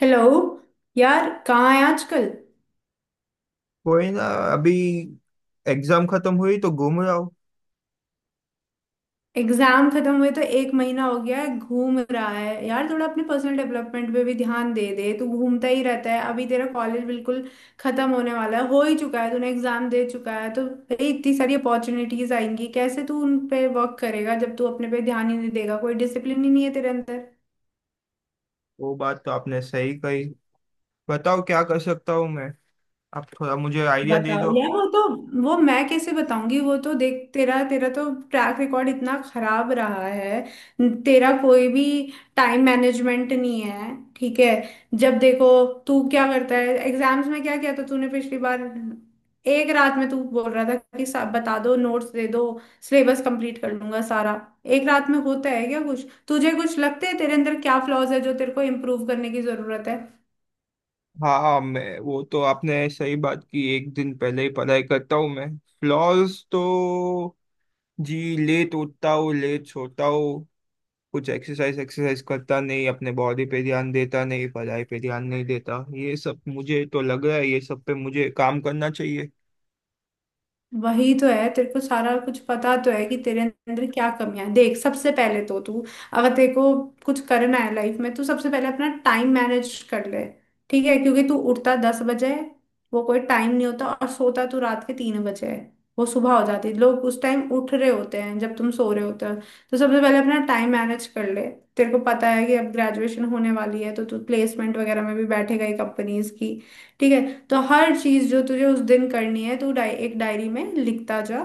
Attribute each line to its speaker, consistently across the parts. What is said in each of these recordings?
Speaker 1: Hello. यार कहाँ है आजकल?
Speaker 2: कोई ना। अभी एग्जाम खत्म हुई तो घूम रहा हूँ।
Speaker 1: एग्जाम खत्म हुए तो एक महीना हो गया है, घूम रहा है यार। थोड़ा अपने पर्सनल डेवलपमेंट पे भी ध्यान दे दे तू। घूमता ही रहता है। अभी तेरा कॉलेज बिल्कुल खत्म होने वाला है, हो ही चुका है, तूने एग्जाम दे चुका है, तो भाई इतनी सारी अपॉर्चुनिटीज आएंगी, कैसे तू उन पे वर्क करेगा जब तू अपने पे ध्यान ही नहीं देगा? कोई डिसिप्लिन ही नहीं है तेरे अंदर।
Speaker 2: वो बात तो आपने सही कही। बताओ क्या कर सकता हूँ मैं। आप थोड़ा मुझे आइडिया दे
Speaker 1: बताओ
Speaker 2: दो।
Speaker 1: यार। वो तो वो मैं कैसे बताऊंगी? वो तो देख, तेरा तेरा तो ट्रैक रिकॉर्ड इतना खराब रहा है। तेरा कोई भी टाइम मैनेजमेंट नहीं है। ठीक है। जब देखो तू क्या करता है? एग्जाम्स में क्या किया था तूने पिछली बार? एक रात में तू बोल रहा था कि सब बता दो, नोट्स दे दो, सिलेबस कंप्लीट कर लूंगा सारा। एक रात में होता है क्या कुछ? तुझे कुछ लगता है तेरे अंदर क्या फ्लॉज है जो तेरे को इम्प्रूव करने की जरूरत?
Speaker 2: हाँ हाँ, मैं वो तो आपने सही बात की। एक दिन पहले ही पढ़ाई करता हूँ मैं। फ्लॉज तो जी, लेट उठता हूँ, लेट सोता हूँ। कुछ एक्सरसाइज एक्सरसाइज करता नहीं, अपने बॉडी पे ध्यान देता नहीं, पढ़ाई पे ध्यान नहीं देता। ये सब मुझे तो लग रहा है, ये सब पे मुझे काम करना चाहिए।
Speaker 1: वही तो है, तेरे को सारा कुछ पता तो है कि तेरे अंदर क्या कमियां हैं। देख, सबसे पहले तो तू, अगर तेरे को कुछ करना है लाइफ में तो सबसे पहले अपना टाइम मैनेज कर ले। ठीक है, क्योंकि तू उठता 10 बजे है, वो कोई टाइम नहीं होता, और सोता तू रात के 3 बजे है, वो सुबह हो जाती है, लोग उस टाइम उठ रहे होते हैं जब तुम सो रहे होते हो। तो सबसे पहले अपना टाइम मैनेज कर ले। तेरे को पता है कि अब ग्रेजुएशन होने वाली है, तो तू प्लेसमेंट वगैरह में भी बैठेगा ही, कंपनीज की। ठीक है। तो हर चीज जो तुझे उस दिन करनी है तू एक डायरी में लिखता जा।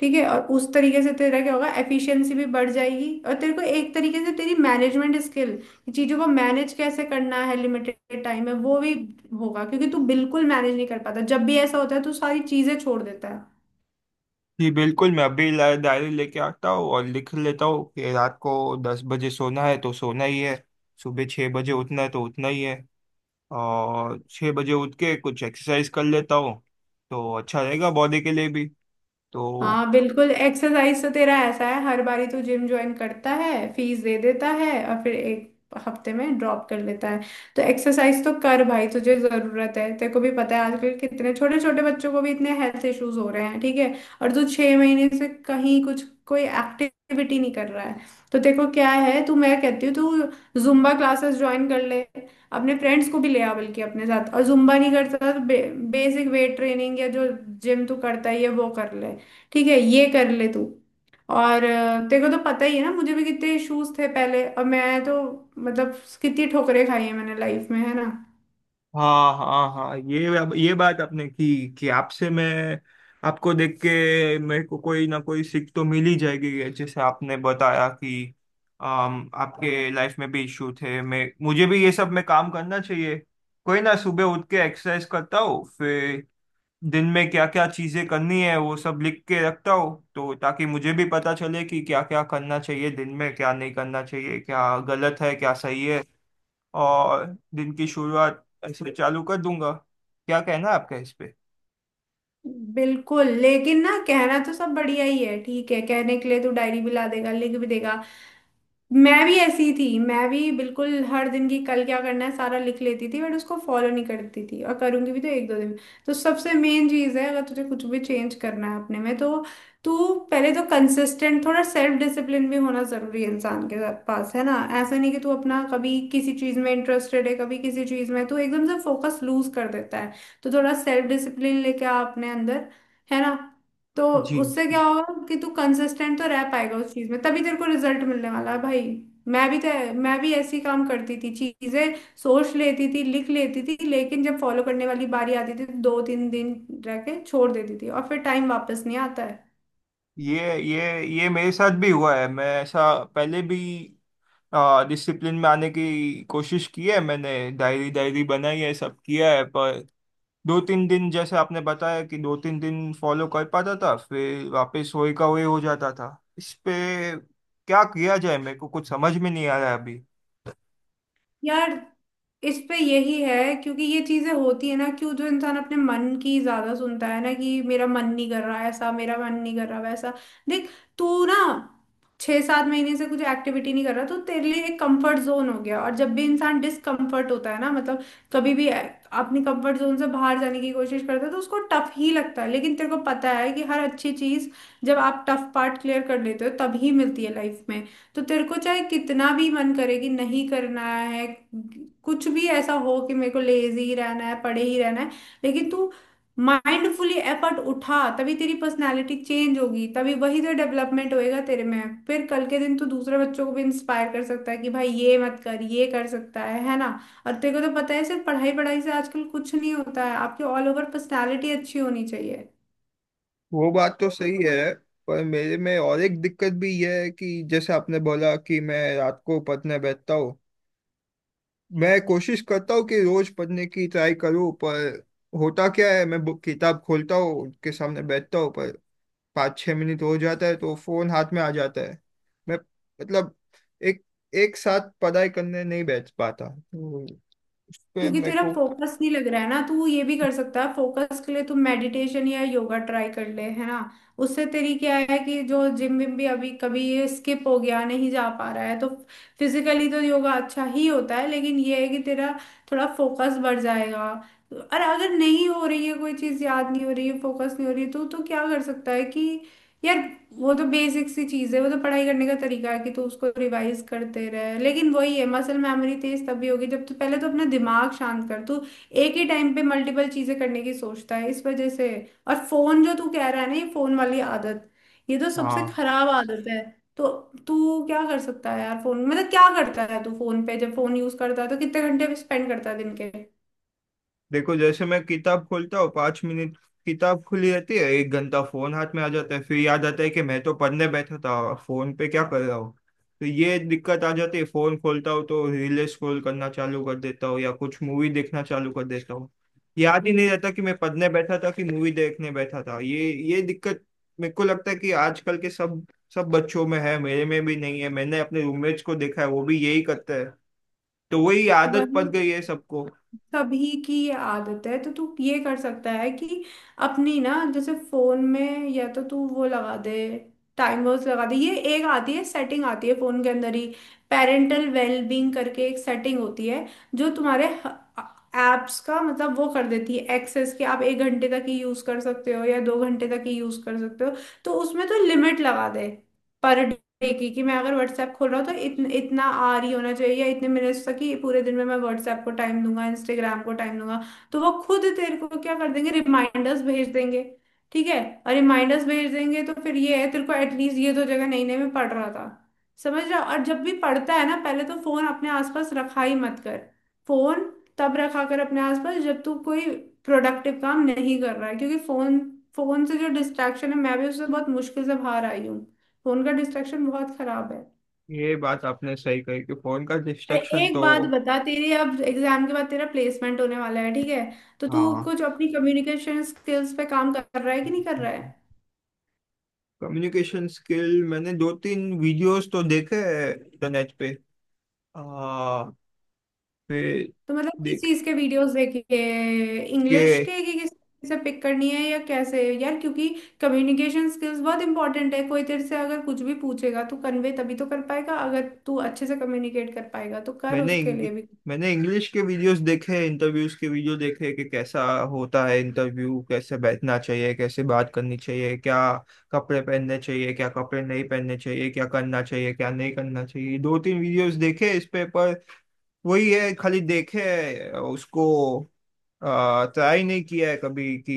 Speaker 1: ठीक है, और उस तरीके से तेरा क्या होगा, एफिशिएंसी भी बढ़ जाएगी, और तेरे को एक तरीके से तेरी मैनेजमेंट स्किल, चीजों को मैनेज कैसे करना है लिमिटेड टाइम में, वो भी होगा, क्योंकि तू बिल्कुल मैनेज नहीं कर पाता। जब भी ऐसा होता है तू सारी चीजें छोड़ देता है।
Speaker 2: जी बिल्कुल, मैं अभी डायरी लेके आता हूँ और लिख लेता हूँ कि रात को 10 बजे सोना है तो सोना ही है। सुबह 6 बजे उठना है तो उठना ही है। और 6 बजे उठ के कुछ एक्सरसाइज कर लेता हूँ तो अच्छा रहेगा बॉडी के लिए भी। तो
Speaker 1: हाँ बिल्कुल। एक्सरसाइज तो तेरा ऐसा है, हर बारी तू जिम ज्वाइन करता है, फीस दे देता है, और फिर एक हफ्ते में ड्रॉप कर लेता है। तो एक्सरसाइज तो कर भाई, तुझे जरूरत है। तेरे को भी पता है आजकल कितने छोटे छोटे बच्चों को भी इतने हेल्थ इश्यूज हो रहे हैं। ठीक है। और तू 6 महीने से कहीं कुछ कोई एक्टिविटी नहीं कर रहा है। तो तेरे को क्या है, तू, मैं कहती हूँ, तू जुम्बा क्लासेस ज्वाइन कर ले। अपने फ्रेंड्स को भी ले आ बल्कि अपने साथ, और जुम्बा नहीं करता तो बेसिक वेट ट्रेनिंग या जो जिम तू करता है ये वो कर ले। ठीक है, ये कर ले तू। और तेरे को तो पता ही है ना, मुझे भी कितने इश्यूज थे पहले, और मैं तो, मतलब, कितनी ठोकरें खाई है मैंने लाइफ में, है ना।
Speaker 2: हाँ हाँ हाँ, ये बात आपने की कि आपसे मैं, आपको देख के मेरे को कोई ना कोई सीख तो मिल ही जाएगी। जैसे आपने बताया कि आपके लाइफ में भी इश्यू थे, मैं मुझे भी ये सब में काम करना चाहिए। कोई ना, सुबह उठ के एक्सरसाइज करता हूँ, फिर दिन में क्या क्या चीजें करनी है वो सब लिख के रखता हूँ। तो ताकि मुझे भी पता चले कि क्या क्या करना चाहिए दिन में, क्या नहीं करना चाहिए, क्या गलत है क्या सही है। और दिन की शुरुआत ऐसे चालू कर दूंगा। क्या कहना है आपका इस पे।
Speaker 1: बिल्कुल, लेकिन ना, कहना तो सब बढ़िया ही है। ठीक है, कहने के लिए तू डायरी भी ला देगा, लिख भी देगा। मैं भी ऐसी थी, मैं भी बिल्कुल हर दिन की कल क्या करना है सारा लिख लेती थी, बट उसको फॉलो नहीं करती थी, और करूंगी भी तो 1-2 दिन। तो सबसे मेन चीज़ है, अगर तुझे कुछ भी चेंज करना है अपने में, तो तू पहले तो कंसिस्टेंट, थोड़ा सेल्फ डिसिप्लिन भी होना जरूरी है इंसान के साथ पास, है ना। ऐसा नहीं कि तू अपना कभी किसी चीज़ में इंटरेस्टेड है, कभी किसी चीज़ में तू एकदम से फोकस लूज कर देता है। तो थोड़ा सेल्फ डिसिप्लिन लेके आ अपने अंदर, है ना। तो
Speaker 2: जी
Speaker 1: उससे
Speaker 2: जी,
Speaker 1: क्या होगा कि तू कंसिस्टेंट तो रह पाएगा उस चीज में, तभी तेरे को रिजल्ट मिलने वाला है भाई। मैं भी तो, मैं भी ऐसी काम करती थी चीजें, सोच लेती थी, लिख लेती थी, लेकिन जब फॉलो करने वाली बारी आती थी तो 2-3 दिन रह के छोड़ देती थी, और फिर टाइम वापस नहीं आता है।
Speaker 2: ये मेरे साथ भी हुआ है। मैं ऐसा पहले भी डिसिप्लिन में आने की कोशिश की है मैंने। डायरी डायरी बनाई है, सब किया है, पर 2-3 दिन, जैसे आपने बताया कि 2-3 दिन फॉलो कर पाता था फिर वापस वही का वही हो जाता था। इस पे क्या किया जाए, मेरे को कुछ समझ में नहीं आ रहा है अभी।
Speaker 1: यार, इस पे यही है, क्योंकि ये चीजें होती है ना, कि जो इंसान अपने मन की ज्यादा सुनता है, ना कि मेरा मन नहीं कर रहा ऐसा, मेरा मन नहीं कर रहा वैसा। देख, तू ना 6-7 महीने से कुछ एक्टिविटी नहीं कर रहा, तो तेरे लिए एक कंफर्ट जोन हो गया, और जब भी इंसान डिसकंफर्ट होता है ना, मतलब, कभी भी अपने कंफर्ट जोन से बाहर जाने की कोशिश करता है, तो उसको टफ ही लगता है, लेकिन तेरे को पता है कि हर अच्छी चीज जब आप टफ पार्ट क्लियर कर लेते हो तभी मिलती है लाइफ में। तो तेरे को चाहे कितना भी मन करे कि नहीं करना है, कुछ भी ऐसा हो कि मेरे को लेजी ही रहना है, पड़े ही रहना है, लेकिन तू माइंडफुली एफर्ट उठा, तभी तेरी पर्सनालिटी चेंज होगी, तभी वही तो डेवलपमेंट होएगा तेरे में। फिर कल के दिन तू दूसरे बच्चों को भी इंस्पायर कर सकता है कि भाई ये मत कर, ये कर सकता है ना। और तेरे को तो पता है, सिर्फ पढ़ाई पढ़ाई से आजकल कुछ नहीं होता है, आपकी ऑल ओवर पर्सनालिटी अच्छी होनी चाहिए।
Speaker 2: वो बात तो सही है, पर मेरे में और एक दिक्कत भी यह है कि जैसे आपने बोला कि मैं रात को पढ़ने बैठता हूँ। मैं कोशिश करता हूँ कि रोज पढ़ने की ट्राई करूँ, पर होता क्या है, मैं बुक किताब खोलता हूँ, उसके सामने बैठता हूँ पर 5-6 मिनट हो जाता है तो फोन हाथ में आ जाता है। मैं मतलब एक एक साथ पढ़ाई करने नहीं बैठ पाता तो उस पे
Speaker 1: क्योंकि
Speaker 2: मेरे
Speaker 1: तेरा
Speaker 2: को।
Speaker 1: फोकस नहीं लग रहा है ना। तू ये भी कर सकता है, फोकस के लिए तू मेडिटेशन या योगा ट्राई कर ले, है ना। उससे तेरी क्या है कि जो जिम विम भी अभी कभी ये स्किप हो गया, नहीं जा पा रहा है, तो फिजिकली तो योगा अच्छा ही होता है, लेकिन ये है कि तेरा थोड़ा फोकस बढ़ जाएगा। और अगर नहीं हो रही है कोई चीज, याद नहीं हो रही है, फोकस नहीं हो रही है, तो क्या कर सकता है कि, यार, वो तो बेसिक सी चीज है, वो तो पढ़ाई करने का तरीका है कि तू उसको रिवाइज करते रहे, लेकिन वही है, मसल मेमोरी तेज तभी होगी जब तू पहले तो अपना दिमाग शांत कर। तू एक ही टाइम पे मल्टीपल चीजें करने की सोचता है इस वजह से। और फोन जो तू कह रहा है ना, ये फोन वाली आदत, ये तो सबसे
Speaker 2: हाँ,
Speaker 1: खराब आदत है। तो तू क्या कर सकता है यार, फोन, मतलब क्या करता है तू फोन पे, जब फोन यूज करता है तो कितने घंटे स्पेंड करता है दिन के?
Speaker 2: देखो, जैसे मैं किताब खोलता हूँ, 5 मिनट किताब खुली रहती है, 1 घंटा फोन हाथ में आ जाता है। फिर याद आता है कि मैं तो पढ़ने बैठा था, फोन पे क्या कर रहा हूँ। तो ये दिक्कत आ जाती है। फोन खोलता हूँ तो रील स्क्रॉल करना चालू कर देता हूँ या कुछ मूवी देखना चालू कर देता हूँ। याद ही नहीं रहता कि मैं पढ़ने बैठा था कि मूवी देखने बैठा था। ये दिक्कत मेरे को लगता है कि आजकल के सब सब बच्चों में है, मेरे में भी नहीं है। मैंने अपने रूममेट्स को देखा है, वो भी यही करता है। तो वही आदत
Speaker 1: वही,
Speaker 2: पड़ गई है सबको।
Speaker 1: सभी की ये आदत है, तो तू ये कर सकता है कि अपनी ना, जैसे फोन में, या तो तू वो लगा दे, टाइमर्स लगा दे, ये एक आती है सेटिंग, आती है फोन के अंदर ही, पेरेंटल वेलबींग करके एक सेटिंग होती है, जो तुम्हारे एप्स का मतलब वो कर देती है एक्सेस, कि आप एक घंटे तक ही यूज कर सकते हो या 2 घंटे तक ही यूज कर सकते हो। तो उसमें तो लिमिट लगा दे, पर देगी कि मैं अगर व्हाट्सएप खोल रहा हूँ तो इतना आर ही होना चाहिए, या इतने मिनट्स तक, कि पूरे दिन में मैं व्हाट्सएप को टाइम दूंगा, इंस्टाग्राम को टाइम दूंगा। तो वो खुद तेरे को क्या कर देंगे, रिमाइंडर्स भेज देंगे। ठीक है, और रिमाइंडर्स भेज देंगे तो फिर ये है, तेरे को एटलीस्ट ये तो जगह नहीं, नहीं मैं पढ़ रहा था, समझ रहा। और जब भी पढ़ता है ना, पहले तो फोन अपने आसपास रखा ही मत कर। फोन तब रखा कर अपने आसपास जब तू कोई प्रोडक्टिव काम नहीं कर रहा है, क्योंकि फोन फोन से जो डिस्ट्रैक्शन है, मैं भी उससे बहुत मुश्किल से बाहर आई हूँ। फोन का डिस्ट्रैक्शन बहुत खराब है।
Speaker 2: ये बात आपने सही कही कि फोन का
Speaker 1: अरे,
Speaker 2: डिस्ट्रैक्शन
Speaker 1: एक
Speaker 2: तो।
Speaker 1: बात बता, तेरे अब एग्जाम के बाद तेरा प्लेसमेंट होने वाला है, ठीक है। तो तू
Speaker 2: हाँ।
Speaker 1: कुछ अपनी कम्युनिकेशन स्किल्स पे काम कर रहा है कि नहीं कर रहा है?
Speaker 2: कम्युनिकेशन स्किल, मैंने 2-3 वीडियोस तो देखे हैं इंटरनेट पे। आ, फिर,
Speaker 1: तो मतलब किस
Speaker 2: देख
Speaker 1: चीज के वीडियोस देखे? इंग्लिश
Speaker 2: के,
Speaker 1: के, कि किस से पिक करनी है या कैसे यार, क्योंकि कम्युनिकेशन स्किल्स बहुत इंपॉर्टेंट है, कोई तेरे से अगर कुछ भी पूछेगा तो कन्वे तभी तो कर पाएगा अगर तू अच्छे से कम्युनिकेट कर पाएगा, तो कर
Speaker 2: मैंने
Speaker 1: उसके
Speaker 2: इंग,
Speaker 1: लिए भी।
Speaker 2: मैंने इंग्लिश के वीडियोस देखे, इंटरव्यूज के वीडियो देखे कि कैसा होता है इंटरव्यू, कैसे बैठना चाहिए, कैसे बात करनी चाहिए, क्या कपड़े पहनने चाहिए, क्या कपड़े नहीं पहनने चाहिए, क्या करना चाहिए क्या नहीं करना चाहिए। 2-3 वीडियोस देखे इस पे, पर वही है, खाली देखे है, उसको ट्राई नहीं किया है कभी कि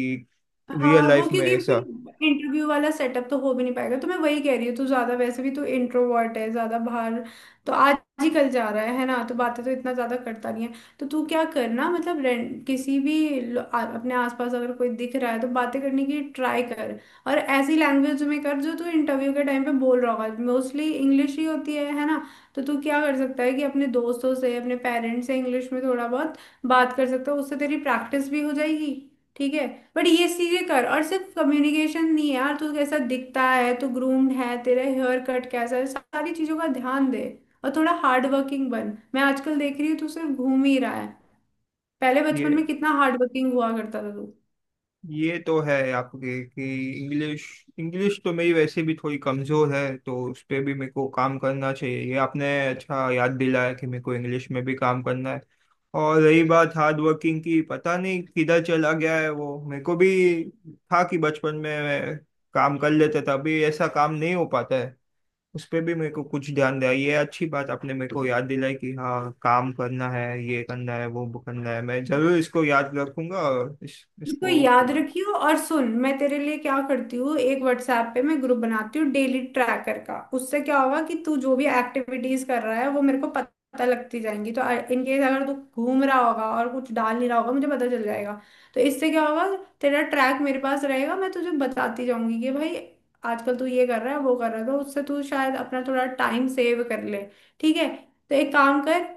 Speaker 2: रियल
Speaker 1: हाँ वो
Speaker 2: लाइफ में
Speaker 1: क्योंकि
Speaker 2: ऐसा।
Speaker 1: फिर इंटरव्यू वाला सेटअप तो हो भी नहीं पाएगा, तो मैं वही कह रही हूँ, तू ज्यादा, वैसे भी तू इंट्रोवर्ट है, ज्यादा बाहर तो आज ही कल जा रहा है ना, तो बातें तो इतना ज्यादा करता नहीं है। तो तू क्या करना, मतलब, किसी भी अपने आसपास अगर कोई दिख रहा है तो बातें करने की ट्राई कर। और ऐसी लैंग्वेज में कर जो तू इंटरव्यू के टाइम पे बोल रहा होगा, मोस्टली इंग्लिश ही होती है ना। तो तू क्या कर सकता है कि अपने दोस्तों से, अपने पेरेंट्स से इंग्लिश में थोड़ा बहुत बात कर सकता है, उससे तेरी प्रैक्टिस भी हो जाएगी। ठीक है। बट ये चीजें कर, और सिर्फ कम्युनिकेशन नहीं है यार, तू कैसा दिखता है, तू ग्रूम्ड है, तेरा हेयर कट कैसा है, सारी चीजों का ध्यान दे। और थोड़ा हार्ड वर्किंग बन, मैं आजकल देख रही हूँ तू सिर्फ घूम ही रहा है। पहले बचपन
Speaker 2: ये
Speaker 1: में कितना हार्ड वर्किंग हुआ करता था तू।
Speaker 2: ये तो है आपके कि इंग्लिश इंग्लिश तो मेरी वैसे भी थोड़ी कमज़ोर है, तो उस पे भी मेरे को काम करना चाहिए। ये आपने अच्छा याद दिलाया कि मेरे को इंग्लिश में भी काम करना है। और रही बात हार्ड वर्किंग की, पता नहीं किधर चला गया है वो। मेरे को भी था कि बचपन में मैं काम कर लेते थे, अभी ऐसा काम नहीं हो पाता है। उस पे भी मेरे को कुछ ध्यान दिया। ये अच्छी बात आपने मेरे को याद दिलाई कि हाँ काम करना है, ये करना है, वो करना है। मैं जरूर इसको याद रखूंगा और
Speaker 1: इसको
Speaker 2: इसको।
Speaker 1: याद रखियो, और सुन, मैं तेरे लिए क्या करती हूँ, एक व्हाट्सएप पे मैं ग्रुप बनाती हूँ डेली ट्रैकर का, उससे क्या होगा कि तू जो भी एक्टिविटीज कर रहा है वो मेरे को पता लगती जाएंगी, तो इन केस अगर तू घूम रहा होगा और कुछ डाल नहीं रहा होगा, मुझे पता चल जाएगा। तो इससे क्या होगा, तेरा ट्रैक मेरे पास रहेगा, मैं तुझे बताती जाऊंगी कि भाई आजकल तू ये कर रहा है वो कर रहा है, तो उससे तू शायद अपना थोड़ा टाइम सेव कर ले। ठीक है। तो एक काम कर,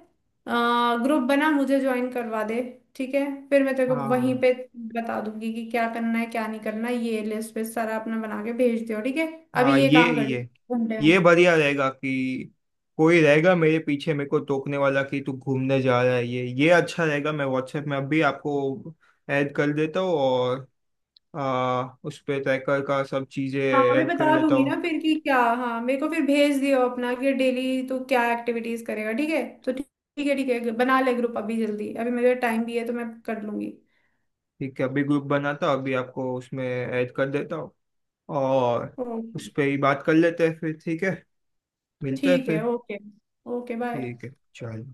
Speaker 1: ग्रुप बना, मुझे ज्वाइन करवा दे। ठीक है। फिर मैं तेरे को वहीं
Speaker 2: हाँ
Speaker 1: पे बता दूंगी कि क्या करना है क्या नहीं करना है, ये लिस्ट पे सारा अपना बना के भेज दियो, ठीक है।
Speaker 2: हाँ,
Speaker 1: अभी ये
Speaker 2: ये
Speaker 1: काम कर ली,
Speaker 2: ये
Speaker 1: घंटे
Speaker 2: ये
Speaker 1: में।
Speaker 2: बढ़िया रहेगा कि कोई रहेगा मेरे पीछे मेरे को टोकने वाला कि तू घूमने जा रहा है। ये अच्छा रहेगा। मैं व्हाट्सएप में अभी आपको ऐड कर देता हूँ और उस पे ट्रैकर का सब चीज़ें
Speaker 1: हाँ, मैं
Speaker 2: ऐड कर
Speaker 1: बता
Speaker 2: लेता
Speaker 1: दूंगी ना
Speaker 2: हूँ।
Speaker 1: फिर कि क्या, हाँ मेरे को फिर भेज दियो अपना कि डेली तू क्या एक्टिविटीज करेगा, ठीक है, तो ठीक। ठीक है, ठीक है, बना ले ग्रुप अभी जल्दी, अभी मेरे टाइम भी है तो मैं कर लूंगी।
Speaker 2: ठीक है, अभी ग्रुप बनाता हूँ, अभी आपको उसमें ऐड कर देता हूँ और
Speaker 1: ओके।
Speaker 2: उस पर ही बात कर लेते हैं फिर। ठीक है, मिलते हैं
Speaker 1: ठीक है,
Speaker 2: फिर।
Speaker 1: Okay, okay bye.
Speaker 2: ठीक है, चलो।